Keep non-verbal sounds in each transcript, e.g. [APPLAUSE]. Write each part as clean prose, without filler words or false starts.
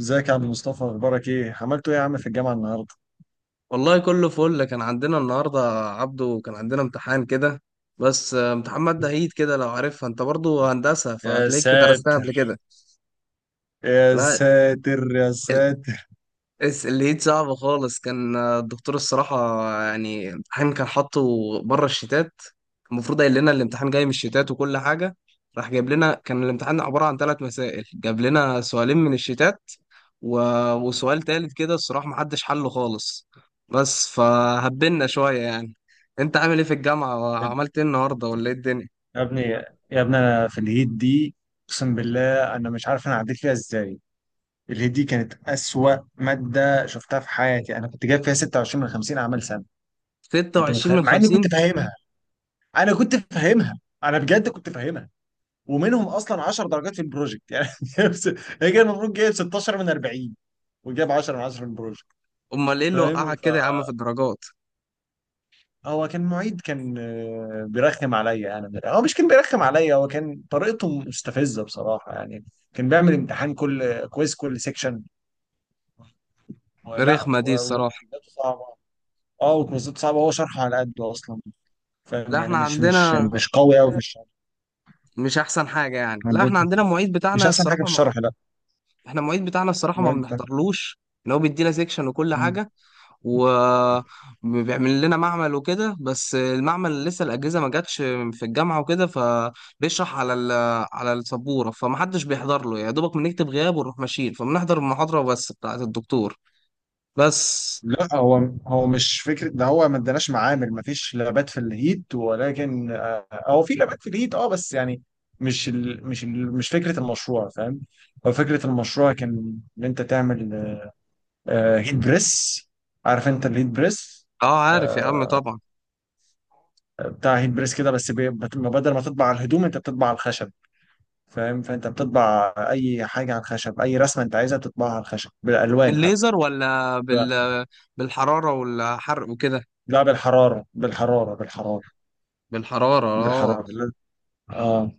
ازيك يا عم مصطفى؟ اخبارك ايه؟ عملتوا ايه يا عم في الجامعه النهارده؟ والله كله فل كان عندنا النهارده. عبده كان عندنا امتحان كده. بس امتحان مادة عيد كده، لو عارفها انت برضو هندسة يا فهتلاقيك درستها ساتر قبل كده. يا لا، ساتر يا ساتر. الليد صعب خالص كان، الدكتور الصراحة يعني الامتحان كان حاطه بره الشتات. المفروض قايل لنا الامتحان جاي من الشتات وكل حاجة، راح جايب لنا كان الامتحان عبارة عن ثلاث مسائل، جاب لنا سؤالين من الشتات و... وسؤال تالت كده الصراحة محدش حله خالص، بس فهبنا شوية يعني. انت عامل ايه في الجامعة يا وعملت ايه النهاردة ولا ايه الدنيا؟ يا ابني يا ابني، انا في الهيت دي. اقسم بالله انا مش عارف انا عديت فيها ازاي. الهيت دي كانت اسوأ ماده شفتها في حياتي. انا كنت جايب فيها 26 من 50 اعمال سنه. انت 26 متخيل؟ من مع اني كنت 50؟ فاهمها. انا كنت فاهمها انا بجد كنت فاهمها. ومنهم اصلا 10 درجات في البروجكت يعني [LAUGHS] هي كان المفروض جايب 16 من 40، وجاب 10 من 10 في البروجكت. امال ايه اللي فاهم؟ وقعك كده يا عم في الدرجات؟ هو كان معيد كان بيرخم عليا انا من الآخر. هو مش كان بيرخم عليا، هو كان طريقته مستفزه بصراحه يعني. كان بيعمل امتحان كل كويز كل سيكشن. لا، رخمة دي الصراحة. وكويزاته صعبه. اه وكويزاته صعبه، هو شرحه على قده اصلا. لا فاهم يعني احنا مش مش عندنا مش قوي قوي في الشرح. مش احسن حاجه يعني. لا احنا عندنا المعيد مش بتاعنا احسن حاجه في الصراحه ما... الشرح، لا. احنا المعيد بتاعنا الصراحه ما المواد بنحضرلوش، ان هو بيدينا سيكشن وكل ده. حاجه وبيعمل لنا معمل وكده، بس المعمل لسه الاجهزه ما جاتش في الجامعه وكده، فبيشرح على على السبوره، فمحدش بيحضر له، يا دوبك بنكتب غياب ونروح ماشيين، فبنحضر المحاضره بس بتاعت الدكتور بس. لا، هو مش فكره ده. هو ما اداناش معامل، ما فيش لابات في الهيت ولكن هو في لابات في الهيت اه بس يعني مش فكره المشروع، فاهم؟ هو فكره المشروع كان ان انت تعمل هيت بريس. عارف انت الهيت بريس؟ اه عارف يا عم آه، طبعا. بتاع هيت بريس كده، بس بدل ما تطبع على الهدوم انت بتطبع على الخشب. فاهم؟ فانت بتطبع اي حاجه على الخشب، اي رسمه انت عايزها بتطبعها على الخشب بالالوان حتى. بالليزر ولا بالحراره والحرق وكده؟ لا بالحراره بالحراره بالحراره. بالحراره اه. بالحراره اه.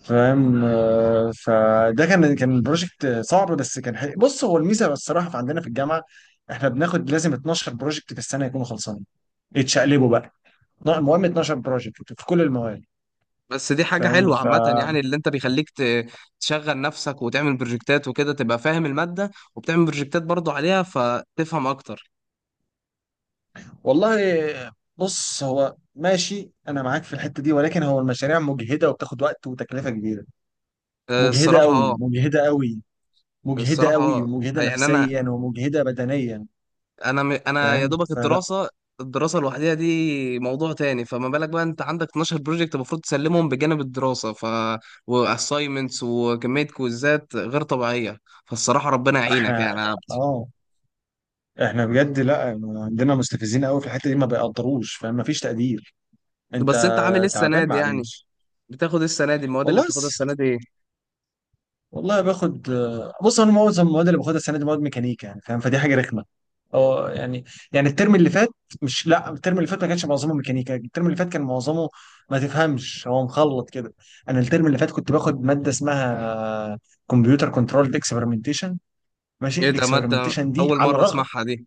فاهم؟ فده كان بروجكت صعب بس كان حلو. بص، هو الميزه الصراحه في عندنا في الجامعه، احنا بناخد لازم 12 بروجكت في السنه يكونوا خلصانين. يتشقلبوا بقى. لا، المهم 12 بروجكت في كل المواد. بس دي حاجة فاهم حلوة عامة يعني، اللي انت بيخليك تشغل نفسك وتعمل بروجكتات وكده، تبقى فاهم المادة وبتعمل بروجكتات برضو عليها فتفهم اكتر. والله بص، هو ماشي، انا معاك في الحته دي، ولكن هو المشاريع مجهده وبتاخد وقت وتكلفه كبيره. مجهده الصراحة قوي اه. مجهده قوي. مجهده الصراحة قوي اه ومجهده يعني نفسيا ومجهده بدنيا. انا يا فاهم؟ دوبك فلا، الدراسة، الدراسة لوحدها دي موضوع تاني، فما بالك بقى انت عندك 12 بروجكت المفروض تسلمهم بجانب الدراسة، ف واساينمنتس وكمية كويزات غير طبيعية. فالصراحة ربنا يعينك احنا يعني يا عبد. اه احنا بجد لا، عندنا مستفزين قوي في الحته دي، ما بيقدروش، فاهم؟ ما فيش تقدير. انت بس انت عامل ايه السنة تعبان، دي يعني؟ معلش. بتاخد ايه السنة دي، المواد اللي والله بتاخدها س... السنة دي؟ والله باخد. بص انا معظم المواد اللي باخدها السنه دي مواد ميكانيكا يعني، فاهم؟ فدي حاجه رخمه. اه يعني الترم اللي فات، مش، لا، الترم اللي فات ما كانش معظمه ميكانيكا. الترم اللي فات كان معظمه، ما تفهمش، هو مخلط كده. انا الترم اللي فات كنت باخد ماده اسمها كمبيوتر كنترول اكسبيرمنتيشن. ماشي. ايه ده، مادة الاكسبيرمنتيشن دي أول على مرة الرغم، أسمعها دي.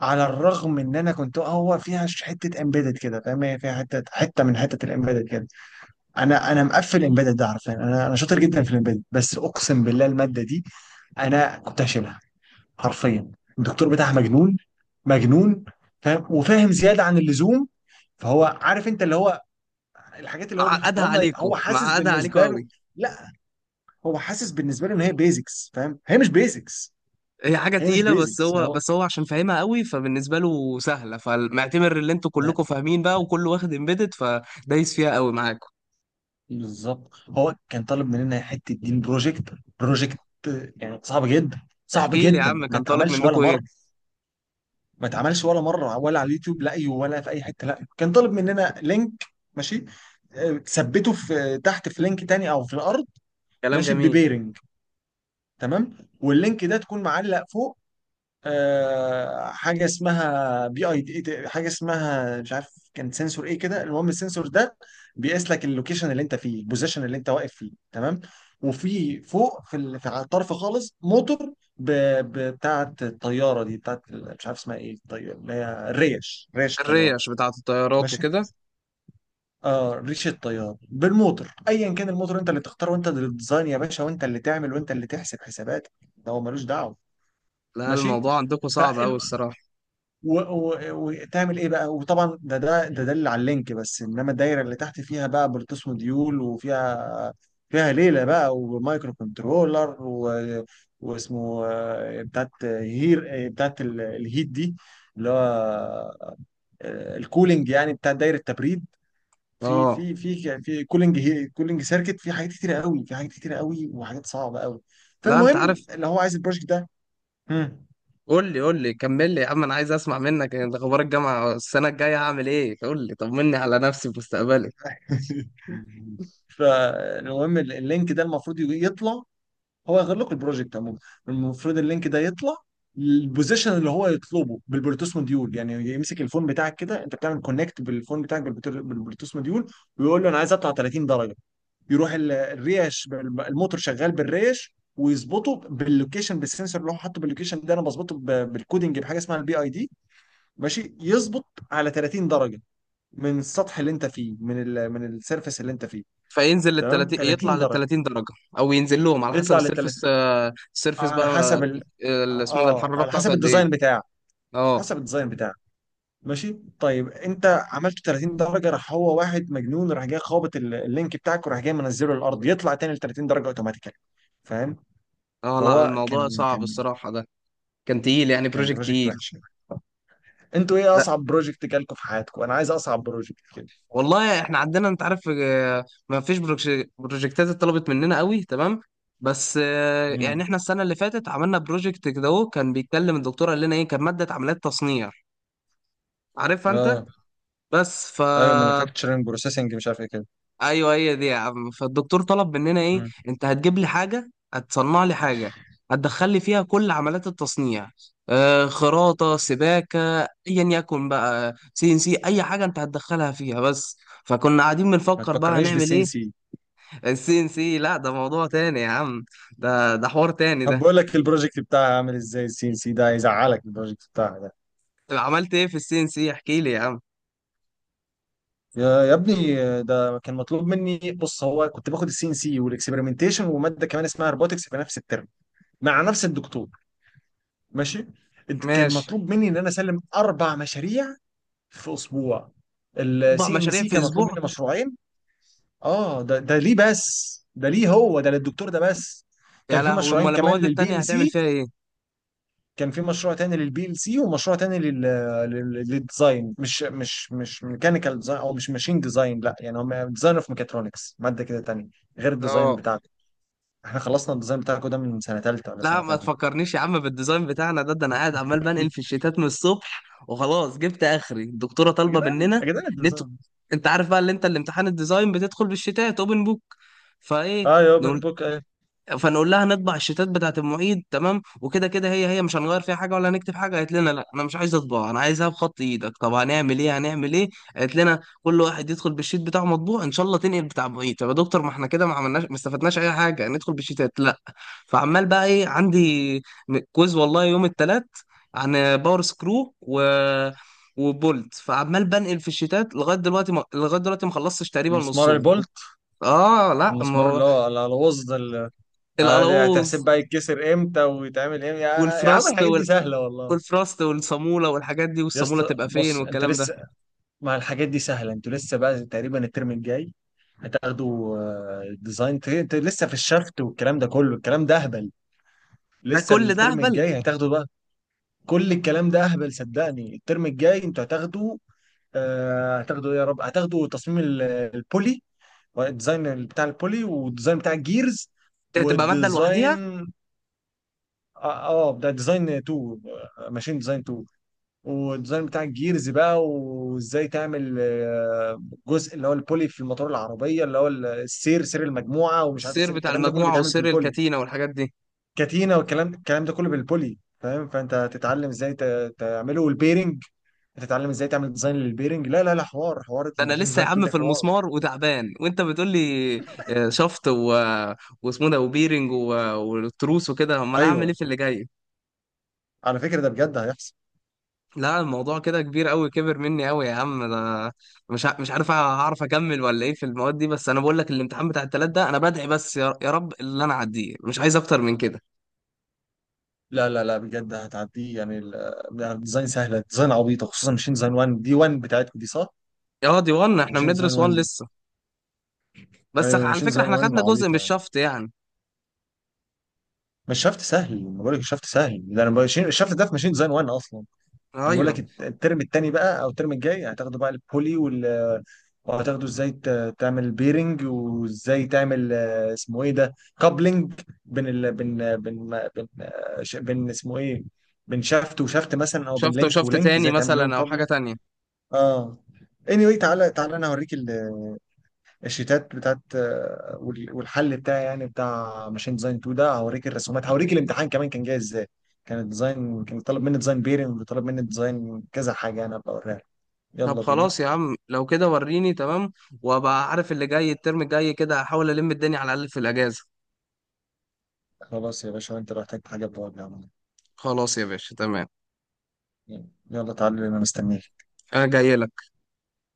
على الرغم ان انا كنت، هو فيها حته امبيدد كده، فاهم؟ هي فيها حته حته من حته الامبيدد كده. انا مقفل امبيدد ده، عارفين؟ انا شاطر جدا في الامبيدد، بس اقسم بالله الماده دي انا كنت هشيلها حرفيا. الدكتور بتاعها مجنون مجنون. فاهم؟ وفاهم زياده عن اللزوم. فهو عارف انت اللي هو، الحاجات اللي هو معقدها بيحطها لنا، عليكوا، هو حاسس معقدها عليكوا بالنسبه له، قوي. لا، هو حاسس بالنسبه له ان هي بيزكس، فاهم؟ هي مش بيزكس. هي حاجة هي مش تقيلة، بس بيزكس هو هو. بس هو عشان فاهمها قوي فبالنسبة له سهلة، فمعتبر اللي انتوا كلكوا فاهمين بقى وكله واخد امبيدد، فدايس فيها قوي معاكوا. بالظبط، هو كان طالب مننا حته دين بروجكت. بروجكت يعني صعب جدا. صعب احكي لي يا جدا، عم، ما كان طالب اتعملش ولا منكوا مره. ايه؟ ما اتعملش ولا مره ولا على اليوتيوب، لا أيوه ولا في اي حته. لا كان طالب مننا لينك، ماشي، تثبته في تحت في لينك تاني او في الارض، كلام ماشي، جميل. ببيرنج. تمام. واللينك ده تكون معلق فوق، حاجه اسمها بي اي دي، حاجه اسمها مش عارف، كان سنسور ايه كده. المهم السنسور ده بيقيس لك اللوكيشن اللي انت فيه، البوزيشن اللي انت واقف فيه، تمام؟ وفي فوق في في على الطرف خالص موتور بتاعه الطياره دي، بتاعه مش عارف اسمها ايه، الطياره، اللي هي الريش، ريش الطياره، الريش بتاعة الطيارات ماشي. وكده. اه ريش الطيار بالموتور، ايا كان الموتور، انت اللي تختار، وانت اللي تديزاين يا باشا، وانت اللي تعمل، وانت اللي تحسب حسابات. ده هو ملوش دعوه. لا ماشي. الموضوع عندكوا صعب قوي الصراحة. و- و- وتعمل ايه بقى. وطبعا ده دليل على اللينك بس، انما الدايره اللي تحت فيها بقى بلوتوث موديول، وفيها، فيها ليله بقى ومايكرو كنترولر واسمه بتاعت هير، بتاعت الهيت دي، اللي هو الكولينج يعني، بتاع دايره تبريد. في اه، في في في كولينج، كولينج سيركت، في حاجات كتيره قوي، في حاجات كتيره قوي وحاجات صعبه قوي. لا انت فالمهم عارف. اللي هو عايز البروجكت ده. مم. قول لي، قول لي، كمل لي يا عم، انا عايز اسمع منك انت اخبار الجامعة. السنة الجاية هعمل ايه؟ قول لي طمني على نفسي في مستقبلي. [LAUGHS] فالمهم اللينك ده المفروض يطلع، هو يغير لكم البروجكت عموما. المفروض اللينك ده يطلع البوزيشن اللي هو يطلبه بالبلوتوث موديول. يعني يمسك الفون بتاعك كده، انت بتعمل كونكت بالفون بتاعك بالبلوتوث موديول، ويقول له انا عايز اطلع 30 درجه. يروح الريش الموتور شغال بالريش، ويظبطه باللوكيشن، بالسنسور اللي هو حاطه باللوكيشن ده. انا بظبطه بالكودنج بحاجه اسمها البي اي دي. ماشي؟ يظبط على 30 درجه من السطح اللي انت فيه، من ال من السيرفيس اللي انت فيه، فينزل لل تمام؟ 30، يطلع 30 لل درجه. 30 درجه، او ينزل لهم على حسب يطلع لل 30 السيرفس، السيرفس على بقى. حسب اسمه ده، اه الحراره على بتاعته حسب قد ايه؟ الديزاين بتاعك. اه. حسب الديزاين بتاعك. ماشي. طيب انت عملت 30 درجه، راح هو واحد مجنون راح جاي خابط اللينك بتاعك، وراح جاي منزله الارض، يطلع تاني ل 30 درجه اوتوماتيكالي. فاهم؟ اه لا فهو الموضوع كان صعب كان الصراحه ده، كان تقيل يعني، كان بروجكت بروجكت تقيل. وحش يعني. انتوا ايه لا اصعب بروجكت جالكوا في حياتكم؟ انا عايز اصعب بروجكت كده. والله احنا عندنا انت عارف، ما فيش بروجكتات اتطلبت مننا قوي، تمام. بس يعني امم احنا السنه اللي فاتت عملنا بروجكت كده اهو، كان بيتكلم الدكتور قال لنا ايه، كان ماده عمليات تصنيع، عارفها انت. اه بس ف ايوه، مانيفاكتشرنج بروسيسنج مش عارف ايه كده. ايوه هي دي يا عم. فالدكتور طلب مننا ايه، مم. انت هتجيب لي حاجه، هتصنع لي حاجه هتدخل لي فيها كل عمليات التصنيع، آه خراطه سباكه ايا يكن بقى، سي ان سي، اي حاجه انت هتدخلها فيها بس. فكنا قاعدين ما بنفكر بقى تفكرنيش هنعمل بالسي ان ايه. سي. [LAUGHS] السي ان سي لا، ده موضوع تاني يا عم، ده ده حوار تاني طب ده. بقول لك البروجكت بتاعها عامل ازاي؟ السي ال سي ده هيزعلك البروجكت بتاعها ده. طب عملت ايه في السي ان سي، احكي لي يا عم. يا ابني، ده كان مطلوب مني. بص هو كنت باخد السي ان سي والاكسبيرمنتيشن وماده كمان اسمها روبوتكس في نفس الترم، مع نفس الدكتور، ماشي؟ كان ماشي. مطلوب مني ان انا اسلم اربع مشاريع في اسبوع. اربع السي ان مشاريع سي في كان مطلوب اسبوع؟ مني مشروعين. اه ده ليه بس؟ ده ليه؟ هو ده للدكتور ده بس. كان يا في لهوي، مشروعين امال كمان المواد للبي التانيه ال هتعمل سي. فيها ايه؟ كان في مشروع تاني للبي ال سي، ومشروع تاني لل للديزاين، مش ميكانيكال ديزاين او مش ماشين ديزاين، لا، يعني هم ديزاين اوف ميكاترونكس، ماده كده تانية غير الديزاين اه بتاعكم. احنا خلصنا الديزاين بتاعكم ده من سنه ثالثه ولا لا سنه ما ثانيه. تفكرنيش يا عم بالديزاين بتاعنا ده، ده انا قاعد عمال بنقل في [LAUGHS] الشتات من الصبح وخلاص جبت اخري، الدكتوره يا طالبه جدعان مننا. يا جدعان نت... الديزاين. انت عارف بقى اللي انت الامتحان الديزاين بتدخل بالشتات اوبن بوك، فايه اه يا اوبن نقول، بوك ايه. فنقول لها نطبع الشيتات بتاعت المعيد تمام وكده كده، هي مش هنغير فيها حاجه ولا هنكتب حاجه. قالت لنا لا انا مش عايز اطبع، انا عايزها بخط ايدك. طب هنعمل ايه، هنعمل ايه؟ قالت لنا كل واحد يدخل بالشيت بتاعه مطبوع ان شاء الله تنقل بتاع المعيد. طب يا دكتور ما احنا كده ما عملناش ما استفدناش اي حاجه ندخل بالشيتات، لا. فعمال بقى ايه عندي كويز والله يوم الثلاث، عن باور سكرو و وبولت، فعمال بنقل في الشيتات لغايه دلوقتي ما... لغايه دلوقتي ما خلصتش تقريبا مسمار نصهم. البولت. اه لا ما المسمار هو اللي هو الوز ده اللي، هتحسب القلاوظ بقى يتكسر امتى ويتعمل امتى. يا عم والفراست الحاجات دي سهله والله. والفراست والصامولة والحاجات دي، يا والصامولة اسطى تبقى فين بص، انت والكلام ده. لسه مع الحاجات دي سهلة؟ انتوا لسه بقى تقريبا الترم الجاي هتاخدوا ديزاين انتوا لسه في الشفت والكلام ده كله. الكلام ده اهبل. ده لسه كل ده الترم هبل. الجاي هتاخدوا بقى. كل الكلام ده اهبل، صدقني. الترم الجاي انتوا هتاخدوا هتاخدوا إيه يا رب، هتاخدوا تصميم البولي، والديزاين بتاع البولي، والديزاين بتاع الجيرز، دي هتبقى مادة لوحديها. والديزاين اه، ده ديزاين 2، ماشين ديزاين 2. والديزاين بتاع الجيرز بقى، وازاي تعمل جزء اللي هو البولي في الموتور العربيه، اللي هو السير، سير المجموعه ومش عارف السير السير، بتاع الكلام ده كله المجموعة بيتعمل وسير بالبولي. الكتينة والحاجات دي. كاتينا، والكلام الكلام ده كله بالبولي، فاهم؟ فانت هتتعلم ازاي تعمله، والبيرنج هتتعلم ازاي تعمل ديزاين للبيرنج. لا لا لا، حوار حوار ده انا الماشين لسه يا ديزاين 2 عم دي في حوار. المسمار وتعبان، وانت بتقول لي آه، شفط و... واسمه ده وبيرنج والتروس وكده، امال اعمل ايه ايوه في اللي جاي. على فكره ده بجد هيحصل. لا الموضوع كده كبير قوي، كبر مني قوي يا عم ده، مش عارف هعرف اكمل ولا ايه في المواد دي. بس انا بقول لك الامتحان بتاع التلات ده انا بدعي بس يا رب اللي انا اعديه، مش عايز اكتر من كده. لا لا لا، بجد هتعديه يعني لا، الديزاين سهله، الديزاين عبيطه، خصوصا ماشين ديزاين 1 دي، 1 بتاعتكم دي صح؟ اه دي 1، احنا ماشين ديزاين بندرس 1 1 دي. لسه. بس ايوه، على ماشين فكرة ديزاين احنا 1 خدنا جزء من عبيطه. الشفط يعني. مش شفت سهل، ما بقول لك شفت سهل ده انا بقول الشفت ده في ماشين ديزاين 1 اصلا. انا بقول لك ايوه الترم الثاني بقى او الترم الجاي هتاخدوا بقى البولي وال، وهتاخدوا ازاي تعمل بيرنج، وازاي تعمل اسمه ايه ده، كابلنج بين بين بين اسمه ايه، بين شافت وشافت مثلا، او بين شفط لينك وشفط ولينك، تاني ازاي تعمل لهم مثلا او حاجة كابلنج. تانية. اه anyway، تعالى تعالى انا هوريك الشيتات بتاعت والحل بتاعي يعني، بتاع ماشين ديزاين 2 ده، هوريك الرسومات، هوريك الامتحان كمان كان جاي ازاي. كان الديزاين كان طالب مني ديزاين بيرنج، وطالب مني ديزاين كذا حاجه، انا ابقى اوريها لك. طب يلا بينا. خلاص يا عم لو كده، وريني تمام، وابقى عارف اللي جاي الترم الجاي كده، هحاول الم الدنيا على الاقل في الاجازة. خلاص يا باشا، انت لو احتجت حاجه بقول لي. خلاص يا باشا تمام. يلا تعالى انا مستنيك. انا جاي لك.